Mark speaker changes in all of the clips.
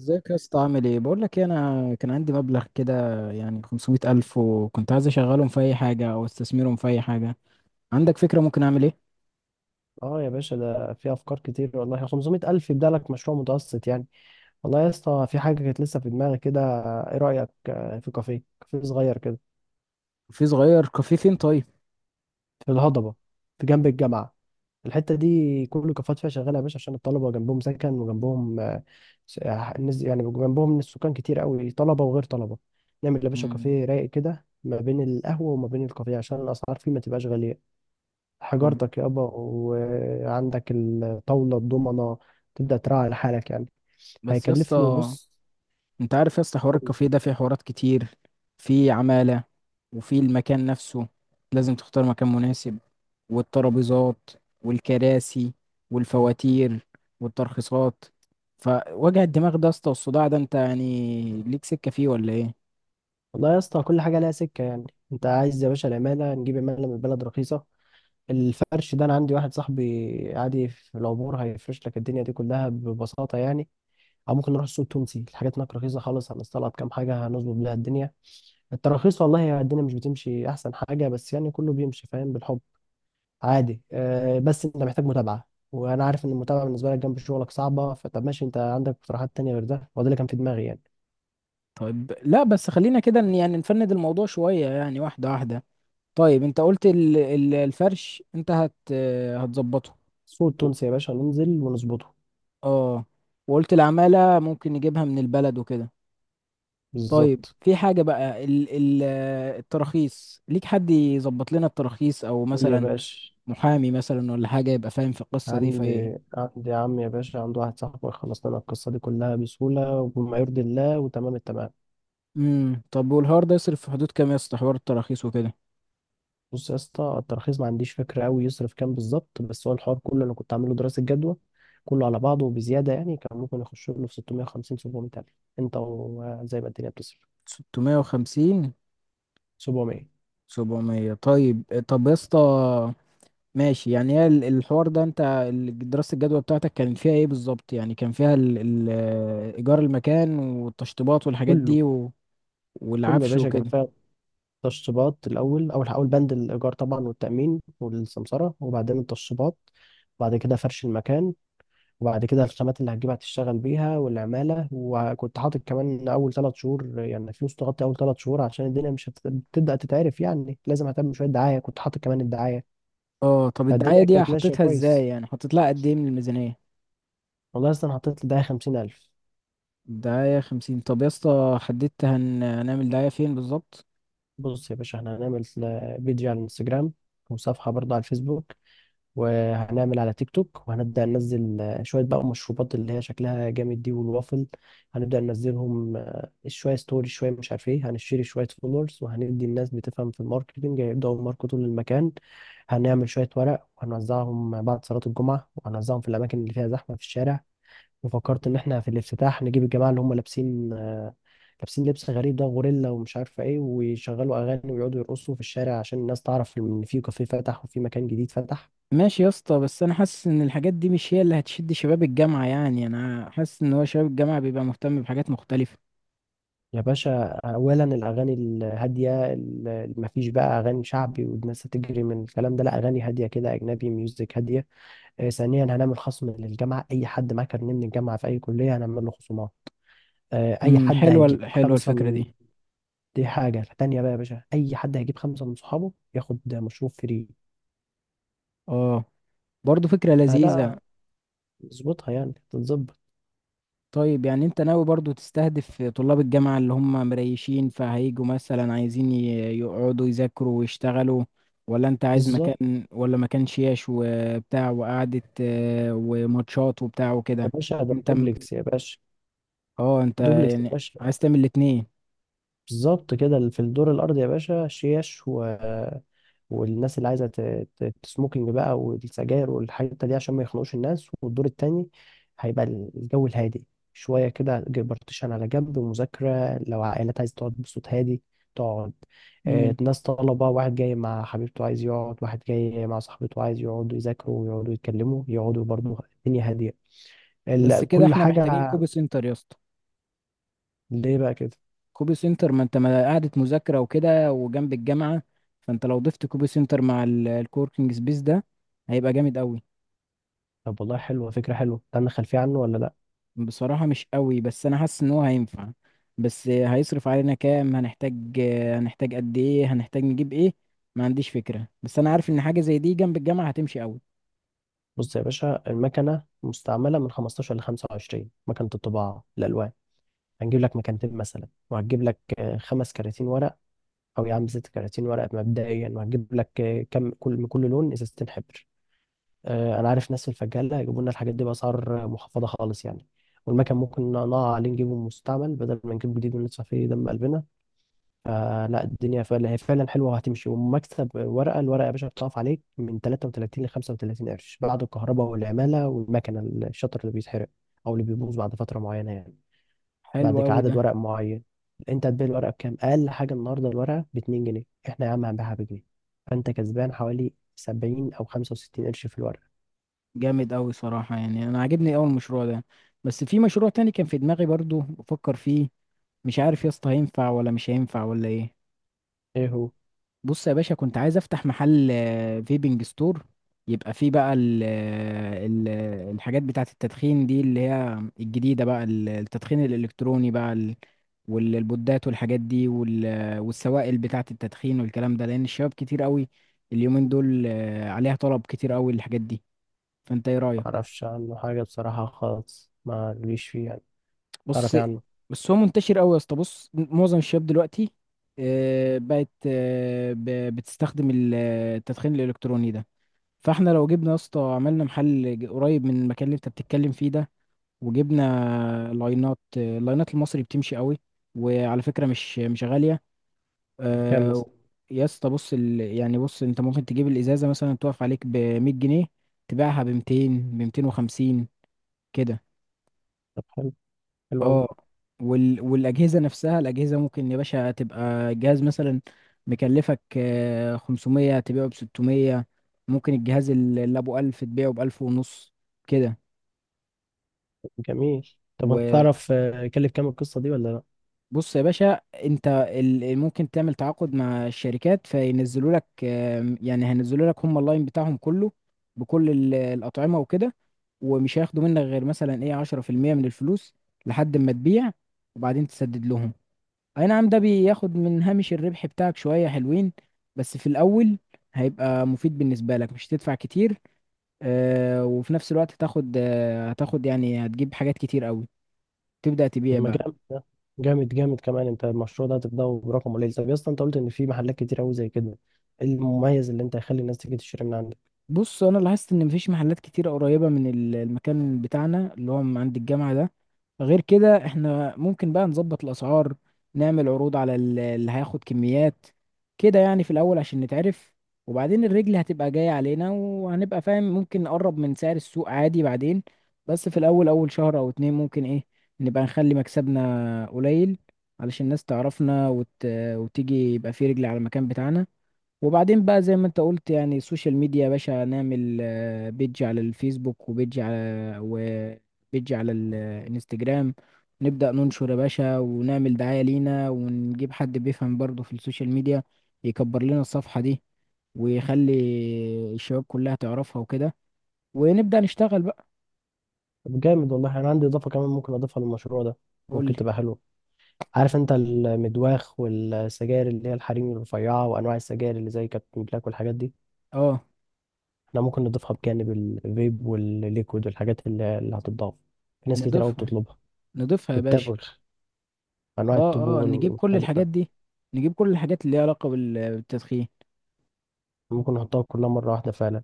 Speaker 1: ازيك يا اسطى؟ عامل ايه؟ بقول لك ايه، انا كان عندي مبلغ كده يعني 500 الف، وكنت عايز اشغلهم في اي حاجه او استثمرهم في اي حاجه. عندك فكره ممكن اعمل ايه؟
Speaker 2: اه، يا باشا ده في افكار كتير، والله 500 الف يبدا لك مشروع متوسط يعني. والله يا اسطى في حاجه كانت لسه في دماغي كده. ايه رايك، في كافيه، كافيه صغير كده؟
Speaker 1: في صغير كافيه فين طيب؟
Speaker 2: في الهضبه، في جنب الجامعه. الحته دي كل الكافيهات فيها شغاله يا باشا، عشان الطلبه جنبهم سكن، وجنبهم الناس يعني، جنبهم السكان كتير قوي، طلبه وغير طلبه. نعمل يا باشا
Speaker 1: مم.
Speaker 2: كافيه رايق كده ما بين القهوه وما بين الكافيه، عشان الاسعار فيه ما تبقاش غاليه.
Speaker 1: طب
Speaker 2: حجارتك يابا، وعندك الطاوله الضمنه. تبدا تراعي لحالك يعني.
Speaker 1: بس يا
Speaker 2: هيكلف له.
Speaker 1: اسطى،
Speaker 2: بص،
Speaker 1: انت عارف يا اسطى حوار الكافيه ده فيه حوارات كتير، في عماله، وفي المكان نفسه لازم تختار مكان مناسب، والترابيزات، والكراسي، والفواتير، والترخيصات. فوجع الدماغ ده يا اسطى والصداع ده انت يعني ليك سكه فيه ولا ايه؟
Speaker 2: والله يا اسطى كل حاجه لها سكه يعني. انت عايز يا باشا العماله، نجيب عماله من البلد رخيصه. الفرش ده انا عندي واحد صاحبي عادي في العبور، هيفرش لك الدنيا دي كلها ببساطه يعني. او ممكن نروح السوق التونسي، الحاجات هناك رخيصه خالص، هنستلط كام حاجه هنظبط بيها الدنيا. التراخيص والله يا الدنيا مش بتمشي احسن حاجه، بس يعني كله بيمشي فاهم، بالحب عادي. أه، بس انت محتاج متابعه، وانا عارف ان المتابعه بالنسبه لك جنب شغلك صعبه، فطب ماشي. انت عندك اقتراحات تانية غير ده؟ هو ده اللي كان في دماغي يعني.
Speaker 1: طيب، لا، بس خلينا كده يعني نفند الموضوع شوية، يعني واحدة واحدة. طيب انت قلت الفرش انت هتظبطه.
Speaker 2: السوق
Speaker 1: و-
Speaker 2: التونسي يا باشا ننزل ونظبطه.
Speaker 1: اه، وقلت العمالة ممكن نجيبها من البلد وكده. طيب
Speaker 2: بالظبط.
Speaker 1: في حاجة بقى ال ال التراخيص، ليك حد يظبط لنا التراخيص، او
Speaker 2: يا
Speaker 1: مثلا
Speaker 2: باشا
Speaker 1: محامي مثلا ولا حاجة يبقى فاهم في القصة دي؟
Speaker 2: عندي عم يا باشا، عنده واحد صاحبه خلص لنا القصة دي كلها بسهولة وبما يرضي الله وتمام التمام.
Speaker 1: امم، طب والهار ده يصرف في حدود كام يا اسطى؟ حوار التراخيص وكده.
Speaker 2: بص يا اسطى، الترخيص ما عنديش فكرة قوي يصرف كام بالظبط، بس هو الحوار كله انا كنت عامله دراسة جدوى. كله على بعضه وبزيادة يعني كان ممكن يخش له في 650 700 ألف. انت وزي ما الدنيا بتصرف.
Speaker 1: 650؟
Speaker 2: 700.
Speaker 1: 700؟ طيب، طب يا اسطى، ماشي يعني. هي الحوار ده، انت دراسة الجدوى بتاعتك كانت فيها ايه بالظبط؟ يعني كان فيها ال ال ايجار المكان، والتشطيبات، والحاجات
Speaker 2: كله
Speaker 1: دي،
Speaker 2: كله يا
Speaker 1: والعفش
Speaker 2: باشا كان
Speaker 1: وكده.
Speaker 2: فيها تشطيبات. الأول، أول بند الإيجار طبعا، والتأمين والسمسرة، وبعدين التشطيبات. بعد كده فرش المكان. وبعد كده الخامات اللي هتجيبها تشتغل بيها، والعمالة. وكنت حاطط كمان أول 3 شهور، يعني فلوس تغطي أول 3 شهور، عشان الدنيا مش هتبدأ تتعرف يعني، لازم أهتم شوية دعاية. كنت حاطط كمان الدعاية.
Speaker 1: اه، طب الدعاية
Speaker 2: فالدنيا
Speaker 1: دي
Speaker 2: كانت ماشية
Speaker 1: حطيتها ازاي
Speaker 2: كويس.
Speaker 1: يعني؟ حطيت لها قد ايه من الميزانية؟
Speaker 2: والله أصلا حطيت لدعاية 50,000.
Speaker 1: الدعاية خمسين؟ طب يا اسطى، حددت هنعمل دعاية فين بالظبط؟
Speaker 2: بص يا باشا احنا هنعمل بيج على الانستجرام، وصفحة برضه على الفيسبوك، وهنعمل على تيك توك. وهنبدأ ننزل شوية بقى مشروبات اللي هي شكلها جامد دي، والوافل. هنبدأ ننزلهم شوية ستوري، شوية مش عارف ايه، هنشتري شوية فولورز، وهندي الناس بتفهم في الماركتينج هيبدأوا يماركتوا للمكان. هنعمل شوية ورق وهنوزعهم بعد صلاة الجمعة، وهنوزعهم في الأماكن اللي فيها زحمة في الشارع. وفكرت إن إحنا في الافتتاح نجيب الجماعة اللي هم لابسين لبس غريب ده، غوريلا ومش عارفة إيه، ويشغلوا أغاني ويقعدوا يرقصوا في الشارع، عشان الناس تعرف إن في كافيه فتح، وفي مكان جديد فتح.
Speaker 1: ماشي يا اسطى، بس انا حاسس ان الحاجات دي مش هي اللي هتشد شباب الجامعة. يعني انا حاسس ان هو شباب الجامعة بيبقى مهتم بحاجات مختلفة.
Speaker 2: يا باشا، اولا الاغاني الهاديه، ما فيش بقى اغاني شعبي، والناس هتجري من الكلام ده، لا، اغاني هاديه كده، اجنبي، ميوزك هاديه. ثانيا هنعمل خصم للجامعه، اي حد معاه كارنيه من الجامعه في اي كليه هنعمل له خصومات. آه، اي
Speaker 1: امم،
Speaker 2: حد هيجيب
Speaker 1: حلوة
Speaker 2: خمسه
Speaker 1: الفكرة
Speaker 2: من
Speaker 1: دي.
Speaker 2: دي حاجه تانية بقى يا باشا، اي حد هيجيب خمسه من صحابه ياخد مشروب فري.
Speaker 1: اه، برضه فكرة لذيذة.
Speaker 2: فلا، نظبطها يعني تتظبط.
Speaker 1: طيب يعني انت ناوي برضو تستهدف طلاب الجامعة اللي هم مريشين فهيجوا مثلا، عايزين يقعدوا يذاكروا ويشتغلوا؟ ولا انت عايز
Speaker 2: بالظبط.
Speaker 1: مكان، ولا مكان شياش وبتاع وقعدة وماتشات وبتاع
Speaker 2: يا
Speaker 1: وكده؟
Speaker 2: باشا ده
Speaker 1: انت م-
Speaker 2: دوبلكس يا باشا.
Speaker 1: اه انت
Speaker 2: دوبلكس يا
Speaker 1: يعني
Speaker 2: باشا.
Speaker 1: عايز تعمل الاتنين؟
Speaker 2: بالظبط كده، في الدور الأرضي يا باشا شيش والناس اللي عايزة تسموكينج بقى، والسجاير والحاجات دي، عشان ما يخنقوش الناس. والدور التاني هيبقى الجو الهادي، شوية كده، بارتيشن على جنب، ومذاكرة، لو عائلات عايزة تقعد بصوت هادي تقعد.
Speaker 1: امم.
Speaker 2: ناس طلبة، واحد جاي مع حبيبته عايز يقعد، واحد جاي مع صاحبته عايز يقعدوا يذاكروا ويقعدوا يتكلموا يقعدوا برضه، الدنيا هادية،
Speaker 1: بس كده
Speaker 2: كل
Speaker 1: احنا محتاجين
Speaker 2: حاجة.
Speaker 1: كوبي سنتر يا اسطى.
Speaker 2: ليه بقى كده؟
Speaker 1: كوبي سنتر، ما انت، ما قعدة مذاكرة وكده وجنب الجامعة. فانت لو ضفت كوبي سنتر مع الكوركينج سبيس ده هيبقى جامد قوي.
Speaker 2: طب والله حلوة، فكرة حلوة. عندك خلفية عنه ولا لأ؟
Speaker 1: بصراحة مش قوي، بس أنا حاسس إن هو هينفع. بس هيصرف علينا كام؟ هنحتاج، هنحتاج قد إيه؟ هنحتاج نجيب إيه؟ ما عنديش فكرة، بس أنا عارف إن حاجة زي دي جنب الجامعة هتمشي قوي.
Speaker 2: بص يا باشا المكنة مستعملة من 15 ل 25، مكنة الطباعة الألوان. هنجيب لك مكانتين مثلا، وهتجيب لك خمس كراتين ورق. أو يا عم ست كراتين ورق مبدئيا. وهتجيب لك كم، كل لون إزازتين حبر. أنا عارف ناس في الفجالة يجيبوا لنا الحاجات دي بأسعار محفظة خالص يعني. والمكن ممكن نقع عليه نجيبه مستعمل، بدل ما نجيب جديد وندفع فيه دم قلبنا. فلا، الدنيا فعلا، هي فعلا حلوه وهتمشي ومكسب. ورقه، الورقه يا باشا بتقف عليك من 33 ل 35 قرش، بعد الكهرباء والعماله والمكنه، الشطر اللي بيتحرق او اللي بيبوظ بعد فتره معينه يعني،
Speaker 1: حلو
Speaker 2: بعد كده
Speaker 1: قوي ده.
Speaker 2: عدد ورق معين. انت هتبيع الورقه بكام؟ اقل حاجه النهارده الورقه ب 2 جنيه، احنا يا عم هنبيعها بجنيه. فانت كسبان حوالي 70 او 65 قرش في الورقه.
Speaker 1: جامد قوي صراحة، يعني أنا عاجبني أول مشروع ده. بس في مشروع تاني كان في دماغي برضو بفكر فيه، مش عارف يا اسطى هينفع ولا مش هينفع ولا إيه.
Speaker 2: ايه هو؟
Speaker 1: بص يا باشا، كنت عايز افتح محل فيبنج ستور. يبقى فيه بقى ال ال الحاجات بتاعة التدخين دي، اللي هي الجديدة بقى التدخين الإلكتروني بقى والبودات والحاجات دي، والسوائل بتاعة التدخين والكلام ده، لأن الشباب كتير قوي اليومين دول عليها طلب كتير قوي الحاجات دي. فأنت إيه رأيك؟
Speaker 2: معرفش عنه حاجه بصراحه خالص، ما ليش فيه يعني. تعرف
Speaker 1: بص،
Speaker 2: إيه عنه؟
Speaker 1: بس هو منتشر قوي يا اسطى. بص معظم الشباب دلوقتي بقت، بتستخدم التدخين الإلكتروني ده. فاحنا لو جبنا يا اسطى، عملنا محل قريب من المكان اللي انت بتتكلم فيه ده، وجبنا لاينات. اللاينات المصري بتمشي قوي، وعلى فكرة مش غالية.
Speaker 2: كام
Speaker 1: آه،
Speaker 2: مثلا؟
Speaker 1: يا اسطى بص يعني بص، انت ممكن تجيب الازازة مثلا تقف عليك ب 100 جنيه، تبيعها ب 200، ب 250، كده.
Speaker 2: طب حلو، حلو أوي.
Speaker 1: اه، والاجهزة نفسها، الاجهزة ممكن يا باشا تبقى جهاز مثلا مكلفك 500 تبيعه ب 600. ممكن الجهاز اللي ابو 1000 تبيعه ب 1000 ونص، كده.
Speaker 2: جميل. طب انت
Speaker 1: وبص
Speaker 2: تعرف كلف كام القصه دي ولا لا؟
Speaker 1: يا باشا، انت ممكن تعمل تعاقد مع الشركات، فينزلوا لك يعني هينزلوا لك هم اللاين بتاعهم كله، بكل الأطعمة وكده. ومش هياخدوا منك غير مثلا ايه 10% من الفلوس لحد ما تبيع، وبعدين تسدد لهم. اي نعم، ده بياخد من هامش الربح بتاعك شوية حلوين، بس في الأول هيبقى مفيد بالنسبة لك، مش هتدفع كتير. وفي نفس الوقت هتاخد، هتاخد يعني هتجيب حاجات كتير قوي، تبدأ
Speaker 2: طب
Speaker 1: تبيع
Speaker 2: ما
Speaker 1: بقى.
Speaker 2: جامد ده، جامد جامد كمان. انت المشروع ده هتبداه برقم قليل. طب يا اسطى، انت قلت ان في محلات كتير قوي زي كده، ايه المميز اللي انت هيخلي الناس تيجي تشتري من عندك؟
Speaker 1: بص انا لاحظت ان مفيش محلات كتير قريبه من المكان بتاعنا اللي هو من عند الجامعه ده. غير كده، احنا ممكن بقى نظبط الاسعار، نعمل عروض على اللي هياخد كميات كده يعني، في الاول عشان نتعرف. وبعدين الرجل هتبقى جايه علينا، وهنبقى فاهم ممكن نقرب من سعر السوق عادي بعدين. بس في الاول اول شهر او اتنين ممكن ايه نبقى نخلي مكسبنا قليل، علشان الناس تعرفنا وتيجي، يبقى في رجل على المكان بتاعنا. وبعدين بقى زي ما انت قلت، يعني السوشيال ميديا يا باشا، نعمل بيج على الفيسبوك، وبيج على الانستجرام. نبدأ ننشر يا باشا، ونعمل دعاية لينا، ونجيب حد بيفهم برضه في السوشيال ميديا، يكبر لنا الصفحة دي، ويخلي الشباب كلها تعرفها وكده، ونبدأ نشتغل بقى.
Speaker 2: طب جامد والله، انا عندي اضافه كمان ممكن اضيفها للمشروع ده،
Speaker 1: قول
Speaker 2: ممكن
Speaker 1: لي.
Speaker 2: تبقى حلوه. عارف انت المدواخ والسجاير اللي هي الحريم الرفيعه، وانواع السجاير اللي زي كابتن بلاك والحاجات دي؟
Speaker 1: اه،
Speaker 2: احنا ممكن نضيفها بجانب الفيب والليكويد، والحاجات اللي هتتضاف، في ناس كتير قوي
Speaker 1: نضيفها،
Speaker 2: بتطلبها.
Speaker 1: نضيفها يا باشا.
Speaker 2: والتبغ، انواع
Speaker 1: اه، اه،
Speaker 2: الطبوع
Speaker 1: نجيب كل الحاجات
Speaker 2: المختلفه.
Speaker 1: دي، نجيب كل الحاجات اللي ليها علاقة بالتدخين.
Speaker 2: ممكن نحطها كلها مرة واحدة فعلا.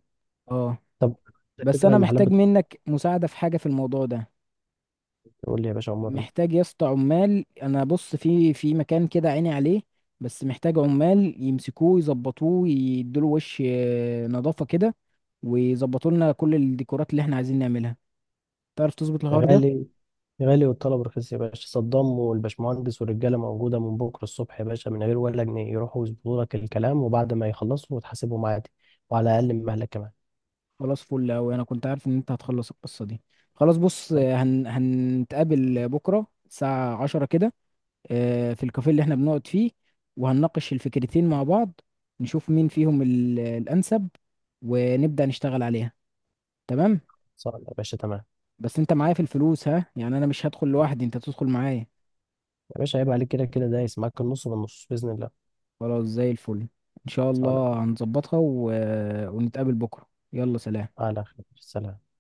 Speaker 1: اه،
Speaker 2: طب،
Speaker 1: بس
Speaker 2: الفكرة،
Speaker 1: انا
Speaker 2: المحلات
Speaker 1: محتاج
Speaker 2: بتقول
Speaker 1: منك مساعدة في حاجة في الموضوع ده.
Speaker 2: يقول لي يا باشا عمرنا.
Speaker 1: محتاج يا اسطى عمال. انا بص، في مكان كده عيني عليه، بس محتاج عمال يمسكوه يظبطوه، يدوله وش نظافة كده، ويظبطوا لنا كل الديكورات اللي احنا عايزين نعملها. تعرف تظبط الحوار ده؟
Speaker 2: غالي. غالي والطلب رخيص يا باشا. صدام والباشمهندس والرجالة موجودة من بكرة الصبح يا باشا، من غير ولا جنيه، يروحوا يظبطوا لك الكلام، وبعد ما يخلصوا وتحاسبهم عادي، وعلى أقل من مهلك كمان.
Speaker 1: خلاص فل اوي، انا كنت عارف ان انت هتخلص القصة دي. خلاص بص، هنتقابل بكرة الساعة 10 كده، في الكافيه اللي احنا بنقعد فيه، وهنناقش الفكرتين مع بعض، نشوف مين فيهم الأنسب، ونبدأ نشتغل عليها. تمام؟
Speaker 2: صار يا باشا، تمام.
Speaker 1: بس انت معايا في الفلوس ها؟ يعني انا مش هدخل لوحدي، انت تدخل معايا.
Speaker 2: يا باشا عيب عليك، كده كده دايس معاك النص بالنص بإذن الله.
Speaker 1: خلاص زي الفل، ان شاء
Speaker 2: صالح.
Speaker 1: الله هنظبطها و... ونتقابل بكرة، يلا سلام.
Speaker 2: على خير، سلام.